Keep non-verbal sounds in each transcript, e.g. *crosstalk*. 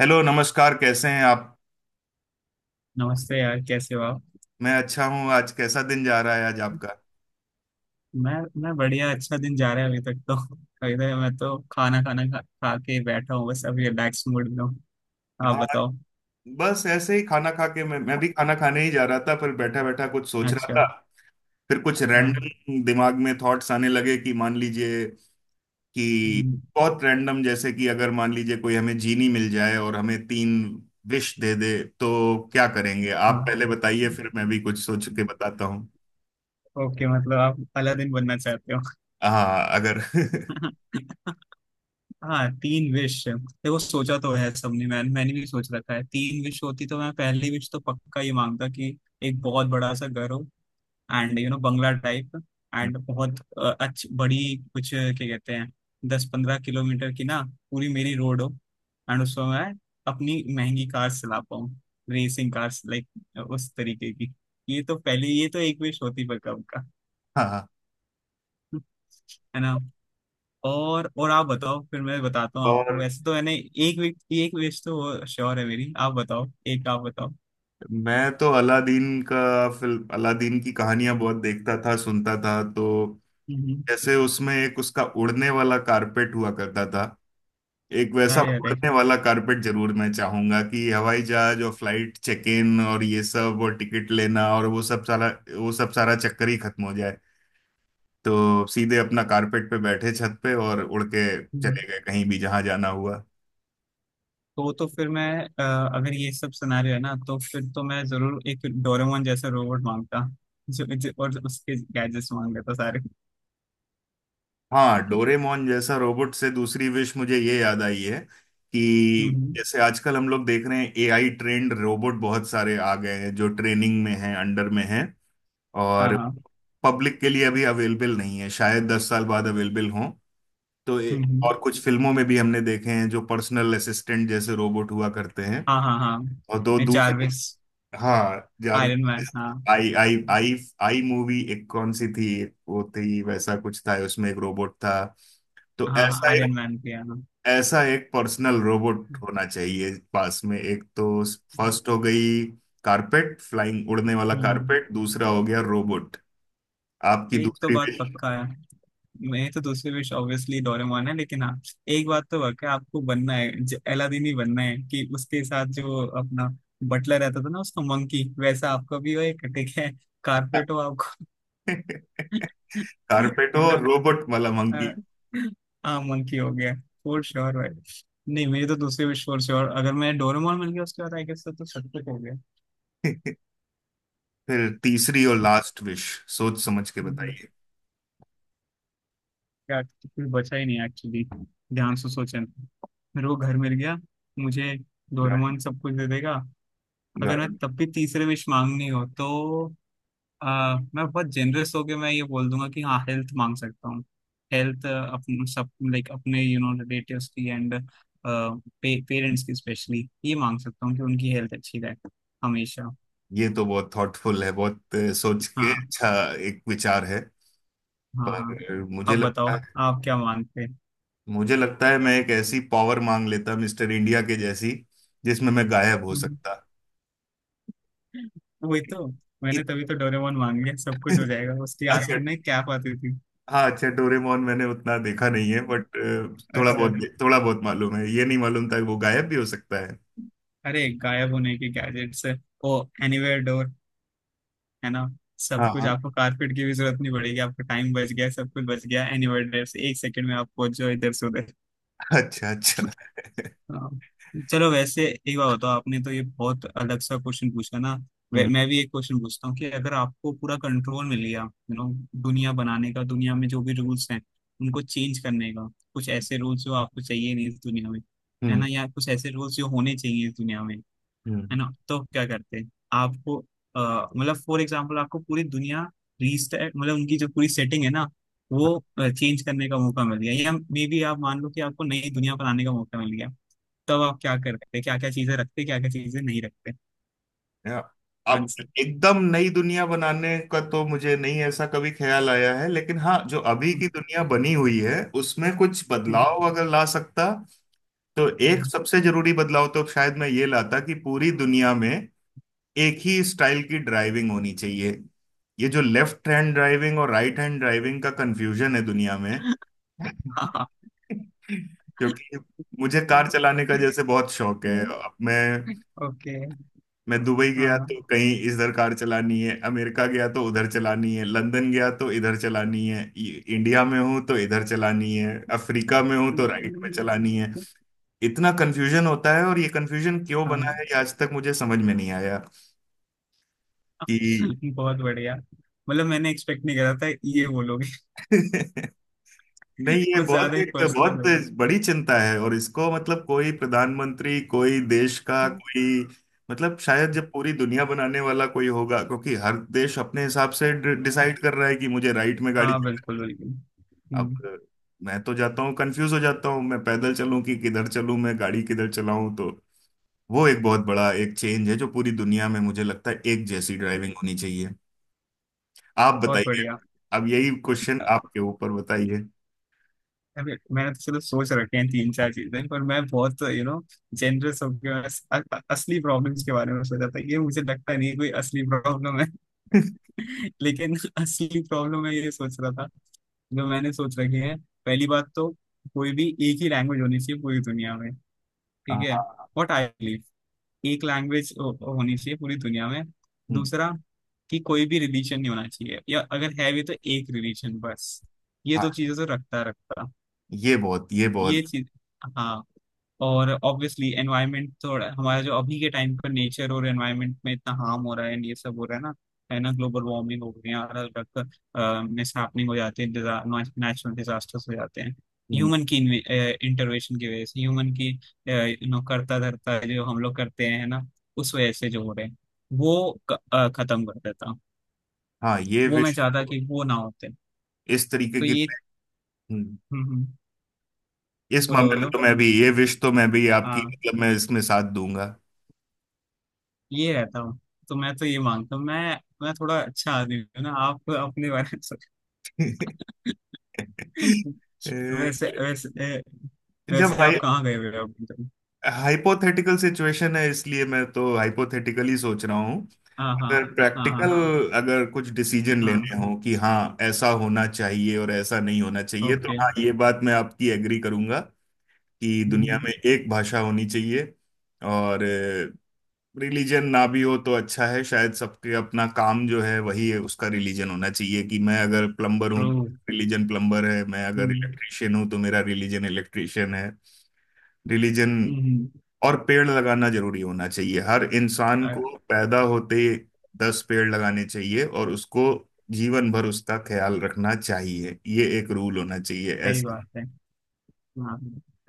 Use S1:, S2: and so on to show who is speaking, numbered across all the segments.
S1: Hello, नमस्कार। कैसे हैं आप?
S2: नमस्ते यार, कैसे हो आप।
S1: मैं अच्छा हूँ। आज कैसा दिन जा रहा है आज आपका?
S2: मैं मैं बढ़िया, अच्छा दिन जा रहा है अभी तक तो। *laughs* अभी तक मैं तो खाना खाना खा, खा के ही बैठा हूँ, बस अभी रिलैक्स मूड में हूँ। आप
S1: हाँ,
S2: बताओ।
S1: बस ऐसे ही खाना खा के मैं भी खाना खाने ही जा रहा था, पर बैठा बैठा कुछ सोच रहा
S2: अच्छा।
S1: था। फिर कुछ
S2: हाँ।
S1: रैंडम दिमाग में थॉट्स आने लगे कि मान लीजिए कि
S2: हम्म।
S1: बहुत रैंडम, जैसे कि अगर मान लीजिए कोई हमें जीनी मिल जाए और हमें तीन विश दे दे, तो क्या करेंगे आप?
S2: हाँ,
S1: पहले बताइए, फिर मैं भी कुछ सोच के बताता हूँ।
S2: ओके, मतलब आप अलादीन बनना चाहते हो।
S1: हाँ अगर
S2: *laughs* हाँ, तीन विश, देखो सोचा तो है सबने, मैंने भी सोच रखा है, तीन विश होती तो मैं पहली विश तो पक्का ही मांगता कि एक बहुत बड़ा सा घर हो। एंड यू नो, बंगला टाइप। एंड
S1: *laughs*
S2: बहुत अच्छी बड़ी कुछ क्या कहते हैं, दस पंद्रह किलोमीटर की ना पूरी मेरी रोड हो। एंड उसमें मैं अपनी महंगी कार चला पाऊँ, रेसिंग कार्स, लाइक उस तरीके की। ये तो पहले, ये तो एक विश होती पर कब का,
S1: हाँ।
S2: है ना। और आप बताओ, फिर मैं बताता हूँ आपको।
S1: और
S2: वैसे तो मैंने एक विश, एक विश तो श्योर है मेरी। आप बताओ, एक आप बताओ।
S1: मैं तो अलादीन का फिल्म, अलादीन की कहानियां बहुत देखता था, सुनता था। तो
S2: हम्म, हम्म।
S1: जैसे उसमें एक उसका उड़ने वाला कारपेट हुआ करता था। एक वैसा
S2: अरे अरे।
S1: उड़ने वाला कारपेट जरूर मैं चाहूंगा कि हवाई जहाज और फ्लाइट चेक इन और ये सब और टिकट लेना और वो सब सारा चक्कर ही खत्म हो जाए। तो सीधे अपना कारपेट पे बैठे, छत पे, और उड़ के चले गए कहीं भी जहां जाना हुआ।
S2: तो फिर मैं, अगर ये सब सिनेरियो है ना तो फिर तो मैं जरूर एक डोरेमोन जैसा रोबोट मांगता, जो और उसके गैजेट्स मांग लेता सारे।
S1: हाँ, डोरेमोन जैसा रोबोट से दूसरी विश मुझे ये याद आई है कि
S2: हम्म।
S1: जैसे आजकल हम लोग देख रहे हैं एआई ट्रेंड, रोबोट बहुत सारे आ गए हैं जो ट्रेनिंग में हैं, अंडर में हैं,
S2: हाँ
S1: और
S2: हाँ।
S1: पब्लिक के लिए अभी अवेलेबल नहीं है। शायद 10 साल बाद अवेलेबल हों। तो
S2: हम्म हम्म।
S1: और कुछ फिल्मों में भी हमने देखे हैं जो पर्सनल असिस्टेंट जैसे रोबोट हुआ करते हैं।
S2: हाँ हाँ
S1: और दो
S2: हाँ,
S1: दूसरी,
S2: जारविस।
S1: हाँ
S2: आयरन
S1: जारविस,
S2: मैन, हाँ।
S1: आई आई आई आई मूवी एक कौन सी थी, एक वो थी, वैसा कुछ था उसमें एक रोबोट था। तो
S2: हाँ हाँ,
S1: ऐसा एक,
S2: आयरन मैन भी है, हाँ।
S1: ऐसा एक पर्सनल रोबोट होना चाहिए पास में, एक तो फर्स्ट हो गई, कारपेट फ्लाइंग उड़ने वाला
S2: हम्म।
S1: कारपेट, दूसरा हो गया रोबोट। आपकी
S2: एक तो
S1: दूसरी
S2: बात
S1: भी?
S2: पक्का है, मेरी तो दूसरी विश ऑब्वियसली डोरेमोन है, लेकिन हाँ, एक बात तो वाकई आपको बनना है, ज- अलादीन ही बनना है कि उसके साथ जो अपना बटलर रहता था ना, उसका मंकी, वैसा आपका भी हो एक, ठीक है। कारपेट हो आपको। *laughs*
S1: कारपेट *laughs* हो
S2: है ना।
S1: और रोबोट वाला मंकी।
S2: अ, हाँ, मंकी हो गया। फोर श्योर भाई। नहीं, मेरी तो दूसरी विश फोर श्योर, अगर मैं डोरेमोन मिल गया उसके बाद आई गेस तो सब कुछ हो गया।
S1: *laughs* फिर तीसरी और लास्ट विश, सोच समझ के
S2: हम्म।
S1: बताइए।
S2: क्या, कुछ बचा ही नहीं एक्चुअली। ध्यान से सोचें। मेरे को घर मिल गया, मुझे
S1: गाड़ी,
S2: डोरेमोन सब कुछ दे देगा। अगर मैं
S1: गाड़ी।
S2: तब भी तीसरे विश मांगनी हो तो, मैं बहुत जेनरस होके मैं ये बोल दूंगा कि हाँ, हेल्थ मांग सकता हूँ। हेल्थ अपने सब, लाइक अपने यू नो रिलेटिव्स की, एंड पेरेंट्स की स्पेशली, ये मांग सकता हूँ कि उनकी हेल्थ अच्छी रहे हमेशा।
S1: ये तो बहुत थॉटफुल है, बहुत सोच के।
S2: हाँ।
S1: अच्छा एक विचार है,
S2: हाँ हाँ।
S1: पर मुझे
S2: आप बताओ,
S1: लगता है,
S2: आप क्या मांगते हैं?
S1: मुझे लगता है मैं एक ऐसी पावर मांग लेता मिस्टर इंडिया के जैसी, जिसमें मैं गायब हो सकता।
S2: *laughs* वही तो, मैंने
S1: इत-
S2: तभी तो डोरेमोन मांग लिया, सब कुछ हो
S1: *laughs*
S2: जाएगा, उसकी आती
S1: अच्छा।
S2: थी ना कैप आती थी।
S1: हाँ अच्छा, डोरेमोन मैंने उतना देखा नहीं है, बट थोड़ा
S2: अच्छा।
S1: बहुत, थोड़ा बहुत मालूम है। ये नहीं मालूम था कि वो गायब भी हो सकता है।
S2: अरे, गायब होने के गैजेट्स, ओ एनीवेयर डोर, है ना,
S1: हाँ
S2: सब कुछ।
S1: हाँ,
S2: आपको कारपेट की भी जरूरत नहीं पड़ेगी, आपका टाइम बच गया, सब कुछ बच गया, एनी से एक सेकंड में आप पहुंच जाओ इधर से उधर।
S1: अच्छा अच्छा।
S2: हाँ। चलो, वैसे एक बात बताओ, आपने तो ये बहुत अलग सा क्वेश्चन पूछा ना, वे-
S1: हम्म
S2: मैं भी एक क्वेश्चन पूछता हूँ कि अगर आपको पूरा कंट्रोल मिल गया, यू नो, दुनिया बनाने का, दुनिया में जो भी रूल्स हैं उनको चेंज करने का, कुछ ऐसे रूल्स जो आपको चाहिए नहीं इस दुनिया में, है
S1: हम्म
S2: ना, या कुछ ऐसे रूल्स जो होने चाहिए इस दुनिया में। है
S1: हम्म।
S2: ना, तो क्या करते हैं आपको, मतलब फॉर एग्जाम्पल आपको पूरी दुनिया रीस्टार्ट, मतलब उनकी जो पूरी सेटिंग है ना, वो चेंज करने का मौका मिल गया, या मे बी आप मान लो कि आपको नई दुनिया बनाने का मौका मिल गया, तब आप क्या करते, क्या क्या चीजें रखते, क्या क्या चीजें नहीं रखते।
S1: या, अब
S2: आंसर।
S1: एकदम नई दुनिया बनाने का तो मुझे नहीं, ऐसा कभी ख्याल आया है, लेकिन हाँ जो अभी की दुनिया बनी हुई है उसमें कुछ बदलाव अगर ला सकता, तो एक सबसे जरूरी बदलाव तो शायद मैं ये लाता कि पूरी दुनिया में एक ही स्टाइल की ड्राइविंग होनी चाहिए। ये जो लेफ्ट हैंड ड्राइविंग और राइट हैंड ड्राइविंग का कंफ्यूजन है दुनिया में, *laughs*
S2: हाँ।
S1: क्योंकि मुझे कार चलाने का जैसे बहुत शौक है। अब मैं
S2: ओके। *laughs*
S1: मैं दुबई गया
S2: हाँ
S1: तो कहीं इधर कार चलानी है, अमेरिका गया तो उधर चलानी है, लंदन गया तो इधर चलानी है, इंडिया में हूं तो इधर चलानी है, अफ्रीका में हूं तो राइट में चलानी है। इतना कंफ्यूजन होता है, और ये कंफ्यूजन क्यों
S2: हाँ।
S1: बना है ये आज तक मुझे समझ में नहीं आया कि,
S2: बहुत बढ़िया, मतलब मैंने एक्सपेक्ट नहीं करा था ये बोलोगे।
S1: *laughs*
S2: *laughs*
S1: नहीं, ये
S2: कुछ ज्यादा
S1: बहुत
S2: ही
S1: एक बहुत
S2: पर्सनल
S1: बड़ी चिंता है, और इसको मतलब कोई प्रधानमंत्री, कोई देश का
S2: हो।
S1: कोई, मतलब शायद जब पूरी दुनिया बनाने वाला कोई होगा, क्योंकि हर देश अपने हिसाब से डिसाइड कर रहा है कि मुझे राइट में गाड़ी
S2: हाँ, बिल्कुल
S1: चलानी
S2: बिल्कुल।
S1: है।
S2: हम्म।
S1: अब मैं तो जाता हूँ, कंफ्यूज हो जाता हूँ, मैं पैदल चलूं कि किधर चलूं, मैं गाड़ी किधर चलाऊं। तो वो एक बहुत बड़ा एक चेंज है जो पूरी दुनिया में मुझे लगता है एक जैसी ड्राइविंग होनी चाहिए। आप
S2: बहुत
S1: बताइए,
S2: बढ़िया।
S1: अब यही क्वेश्चन आपके ऊपर, बताइए।
S2: अभी मैंने तो चलो सोच रखे हैं तीन चार चीजें, पर मैं बहुत यू नो जेनरस होकर असली प्रॉब्लम्स के बारे में सोचा था। ये मुझे लगता नहीं है कोई असली प्रॉब्लम है। *laughs* लेकिन असली प्रॉब्लम मैं ये सोच रहा था, जो मैंने सोच रखी है, पहली बात तो कोई भी एक ही लैंग्वेज होनी चाहिए पूरी दुनिया में। ठीक है,
S1: हाँ।
S2: व्हाट आई, एक लैंग्वेज होनी चाहिए पूरी दुनिया में।
S1: हम्म,
S2: दूसरा, कि कोई भी रिलीजन नहीं होना चाहिए, या अगर है भी तो एक रिलीजन बस। ये
S1: हाँ,
S2: दो चीजें तो रखता रखता
S1: ये बहुत, ये बहुत,
S2: ये चीज। हाँ। और ऑब्वियसली एनवायरनमेंट, थोड़ा हमारा जो अभी के टाइम पर नेचर और एनवायरनमेंट में इतना हार्म हो रहा है and ये सब हो रहा है ना, है ना, ग्लोबल वार्मिंग हो गई है, अलग अलग मिसहैपनिंग हो जाते हैं, नेचुरल डिजास्टर्स हो जाते हैं,
S1: हम्म,
S2: ह्यूमन की इंटरवेंशन की वजह से, ह्यूमन की यू नो करता धरता जो हम लोग करते हैं ना, उस वजह से जो हो रहे हैं वो खत्म कर देता हूँ।
S1: हाँ ये
S2: वो मैं
S1: विश
S2: चाहता कि वो ना होते।
S1: इस तरीके
S2: तो
S1: की,
S2: ये।
S1: हम्म,
S2: हम्म।
S1: इस
S2: बोलो
S1: मामले में
S2: बोलो।
S1: तो मैं भी, ये विश तो मैं भी आपकी,
S2: हाँ।
S1: मतलब मैं इसमें साथ दूंगा।
S2: ये रहता हूँ, तो मैं तो ये मानता हूँ मैं थोड़ा अच्छा आदमी हूँ ना, आप अपने बारे में सोच-,
S1: *laughs* अ,
S2: वैसे वैसे
S1: जब
S2: वैसे आप
S1: हाई
S2: कहाँ गए हुए हो अभी तक।
S1: हाइपोथेटिकल सिचुएशन है, इसलिए मैं तो हाइपोथेटिकल ही सोच रहा हूँ।
S2: हाँ हाँ।
S1: अगर
S2: हाँ
S1: प्रैक्टिकल,
S2: हाँ।
S1: अगर कुछ डिसीजन
S2: हाँ,
S1: लेने हो कि हाँ ऐसा होना चाहिए और ऐसा नहीं होना चाहिए, तो
S2: ओके।
S1: हाँ ये बात मैं आपकी एग्री करूंगा कि दुनिया में
S2: हम्म।
S1: एक भाषा होनी चाहिए, और रिलीजन ना भी हो तो अच्छा है। शायद सबके अपना काम जो है वही है उसका रिलीजन होना चाहिए। कि मैं अगर प्लम्बर हूँ,
S2: ट्रू।
S1: रिलीजन प्लम्बर है, मैं अगर
S2: हम्म
S1: इलेक्ट्रिशियन हूँ तो मेरा रिलीजन इलेक्ट्रिशियन है रिलीजन।
S2: हम्म।
S1: और पेड़ लगाना जरूरी होना चाहिए, हर इंसान
S2: अ,
S1: को पैदा होते 10 पेड़ लगाने चाहिए, और उसको जीवन भर उसका ख्याल रखना चाहिए। ये एक रूल होना चाहिए
S2: सही
S1: ऐसा।
S2: बात है। हाँ।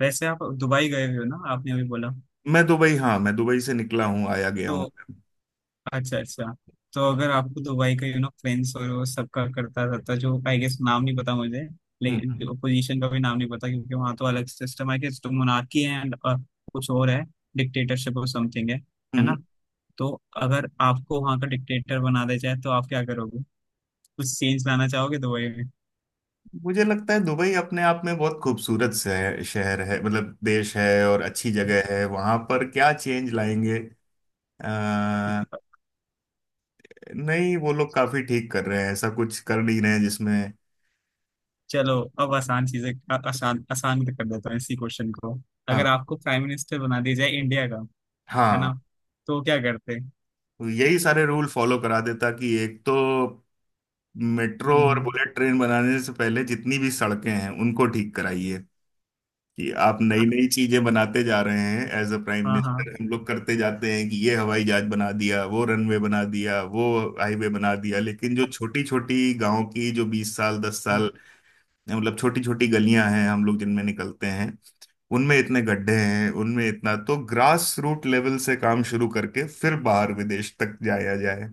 S2: वैसे आप दुबई गए हुए हो ना, आपने अभी बोला।
S1: मैं दुबई, हाँ मैं दुबई से निकला हूँ, आया गया हूँ।
S2: तो अच्छा अच्छा, तो अगर आपको दुबई का, यू नो, फ्रेंड्स और वो सबका करता रहता जो, आई गेस नाम नहीं पता मुझे, लेकिन
S1: हम्म
S2: पोजीशन का भी नाम नहीं पता, क्योंकि वहाँ तो अलग सिस्टम है कि, तो मोनार्की है एंड कुछ और है, डिक्टेटरशिप और समथिंग है
S1: हम्म।
S2: ना, तो अगर आपको वहाँ का डिक्टेटर बना दिया जाए तो आप क्या करोगे, कुछ चेंज लाना चाहोगे दुबई में।
S1: मुझे लगता है दुबई अपने आप में बहुत खूबसूरत शहर शहर है, मतलब देश है, और अच्छी जगह है। वहां पर क्या चेंज लाएंगे? अ, नहीं, वो लोग काफी ठीक कर रहे हैं, ऐसा कुछ कर नहीं रहे हैं जिसमें।
S2: चलो अब आसान चीजें, आ- आसान आसान कर देता हूँ इसी क्वेश्चन को। अगर
S1: हाँ
S2: आपको प्राइम मिनिस्टर बना दिया जाए इंडिया का, है
S1: हाँ,
S2: ना, तो क्या करते।
S1: यही सारे रूल फॉलो करा देता कि एक तो मेट्रो और
S2: हम्म।
S1: बुलेट ट्रेन बनाने से पहले जितनी भी सड़कें हैं उनको ठीक कराइए। कि आप नई नई चीजें बनाते जा रहे हैं एज अ प्राइम
S2: हाँ हाँ।
S1: मिनिस्टर, हम लोग करते जाते हैं कि ये हवाई जहाज बना दिया, वो रनवे बना दिया, वो हाईवे बना दिया, लेकिन जो छोटी छोटी गांव की जो 20 साल, 10 साल, मतलब छोटी छोटी गलियां हैं हम लोग जिनमें निकलते हैं, उनमें इतने गड्ढे हैं, उनमें इतना, तो ग्रास रूट लेवल से काम शुरू करके फिर बाहर विदेश तक जाया जाए।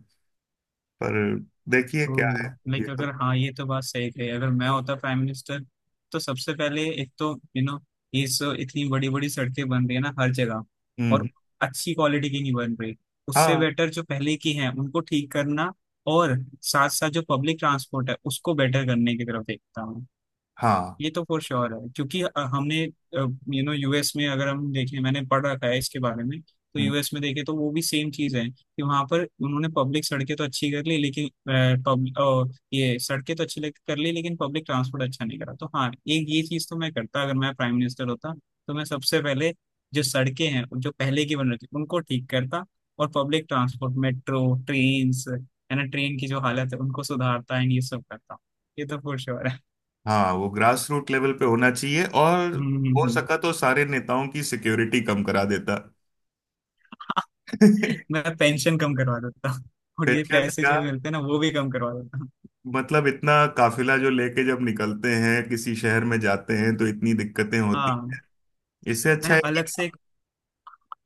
S1: पर देखिए क्या है, ये
S2: लाइक
S1: तो,
S2: अगर, हाँ ये तो बात सही कही, अगर मैं होता प्राइम मिनिस्टर, तो सबसे पहले एक तो यू नो ये सो, इतनी बड़ी बड़ी सड़कें बन रही है ना हर जगह, और
S1: हम्म,
S2: अच्छी क्वालिटी की नहीं बन रही, उससे
S1: हाँ
S2: बेटर जो पहले की हैं उनको ठीक करना, और साथ साथ जो पब्लिक ट्रांसपोर्ट है उसको बेटर करने की तरफ देखता हूँ।
S1: हाँ,
S2: ये तो फॉर श्योर है, क्योंकि हमने यू नो यूएस में अगर हम देखें, मैंने पढ़ रखा है इसके बारे में, तो
S1: हम्म।
S2: यूएस में देखें तो वो भी सेम चीज है कि वहां पर उन्होंने पब्लिक सड़कें तो अच्छी कर ली लेकिन, पब्लिक ये सड़कें तो अच्छी लग- कर ली लेकिन पब्लिक ट्रांसपोर्ट अच्छा नहीं करा, तो हाँ एक ये चीज तो मैं करता अगर मैं प्राइम मिनिस्टर होता, तो मैं सबसे पहले जो सड़कें हैं जो पहले की बन रखी उनको ठीक करता, और पब्लिक ट्रांसपोर्ट मेट्रो, ट्रेन, है ना, ट्रेन की जो हालत है उनको सुधारता एंड ये सब करता। ये तो फॉर श्योर है।
S1: हाँ वो ग्रास रूट लेवल पे होना चाहिए, और
S2: हम्म हम्म
S1: हो
S2: हम्म।
S1: सका तो सारे नेताओं की सिक्योरिटी कम करा देता। *laughs*
S2: मैं पेंशन कम करवा देता हूँ, और ये
S1: पेंशन
S2: पैसे
S1: का
S2: जो मिलते हैं ना वो भी कम करवा देता हूँ।
S1: मतलब, इतना काफिला जो लेके जब निकलते हैं, किसी शहर में जाते हैं तो इतनी दिक्कतें होती,
S2: हाँ।
S1: इससे अच्छा
S2: मैं
S1: है कि,
S2: अलग से एक,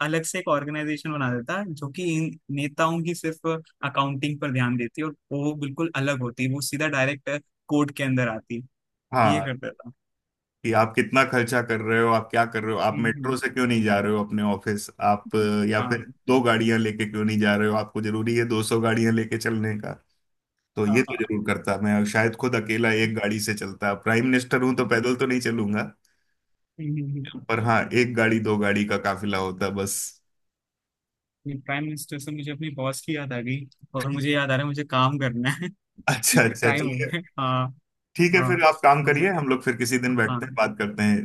S2: अलग से एक ऑर्गेनाइजेशन बना देता जो कि इन नेताओं की सिर्फ अकाउंटिंग पर ध्यान देती है, और वो बिल्कुल अलग होती, वो सीधा डायरेक्ट कोर्ट के अंदर आती, ये
S1: हाँ,
S2: कर देता।
S1: कि आप कितना खर्चा कर रहे हो, आप क्या कर रहे हो, आप
S2: हम्म।
S1: मेट्रो से क्यों नहीं जा रहे हो अपने ऑफिस आप, या फिर
S2: हाँ
S1: दो गाड़ियां लेके क्यों नहीं जा रहे हो, आपको जरूरी है 200 गाड़ियां लेके चलने? तो
S2: हाँ
S1: ये
S2: हाँ।
S1: तो जरूर करता, मैं शायद खुद अकेला एक गाड़ी से चलता, प्राइम मिनिस्टर हूं तो पैदल तो नहीं चलूंगा,
S2: हम्म।
S1: पर हाँ एक गाड़ी दो गाड़ी का काफिला होता बस।
S2: हम्म। प्राइम मिनिस्टर से मुझे अपनी बॉस की याद आ गई, और मुझे याद आ रहा है मुझे काम करना है। *laughs*
S1: अच्छा अच्छा,
S2: टाइम हो
S1: चलिए
S2: गया, हाँ।
S1: ठीक है,
S2: हाँ।
S1: फिर आप काम
S2: मुझे,
S1: करिए, हम लोग फिर किसी दिन
S2: हाँ,
S1: बैठते हैं बात करते हैं।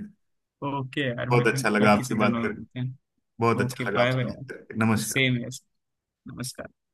S2: ओके यार, मैं,
S1: बहुत अच्छा
S2: फिर
S1: लगा आपसे
S2: किसी दिन
S1: बात
S2: और
S1: कर,
S2: मिलते हैं।
S1: बहुत
S2: ओके
S1: अच्छा लगा
S2: बाय
S1: आपसे
S2: बाय।
S1: बात करके, नमस्कार।
S2: सेम है। नमस्कार।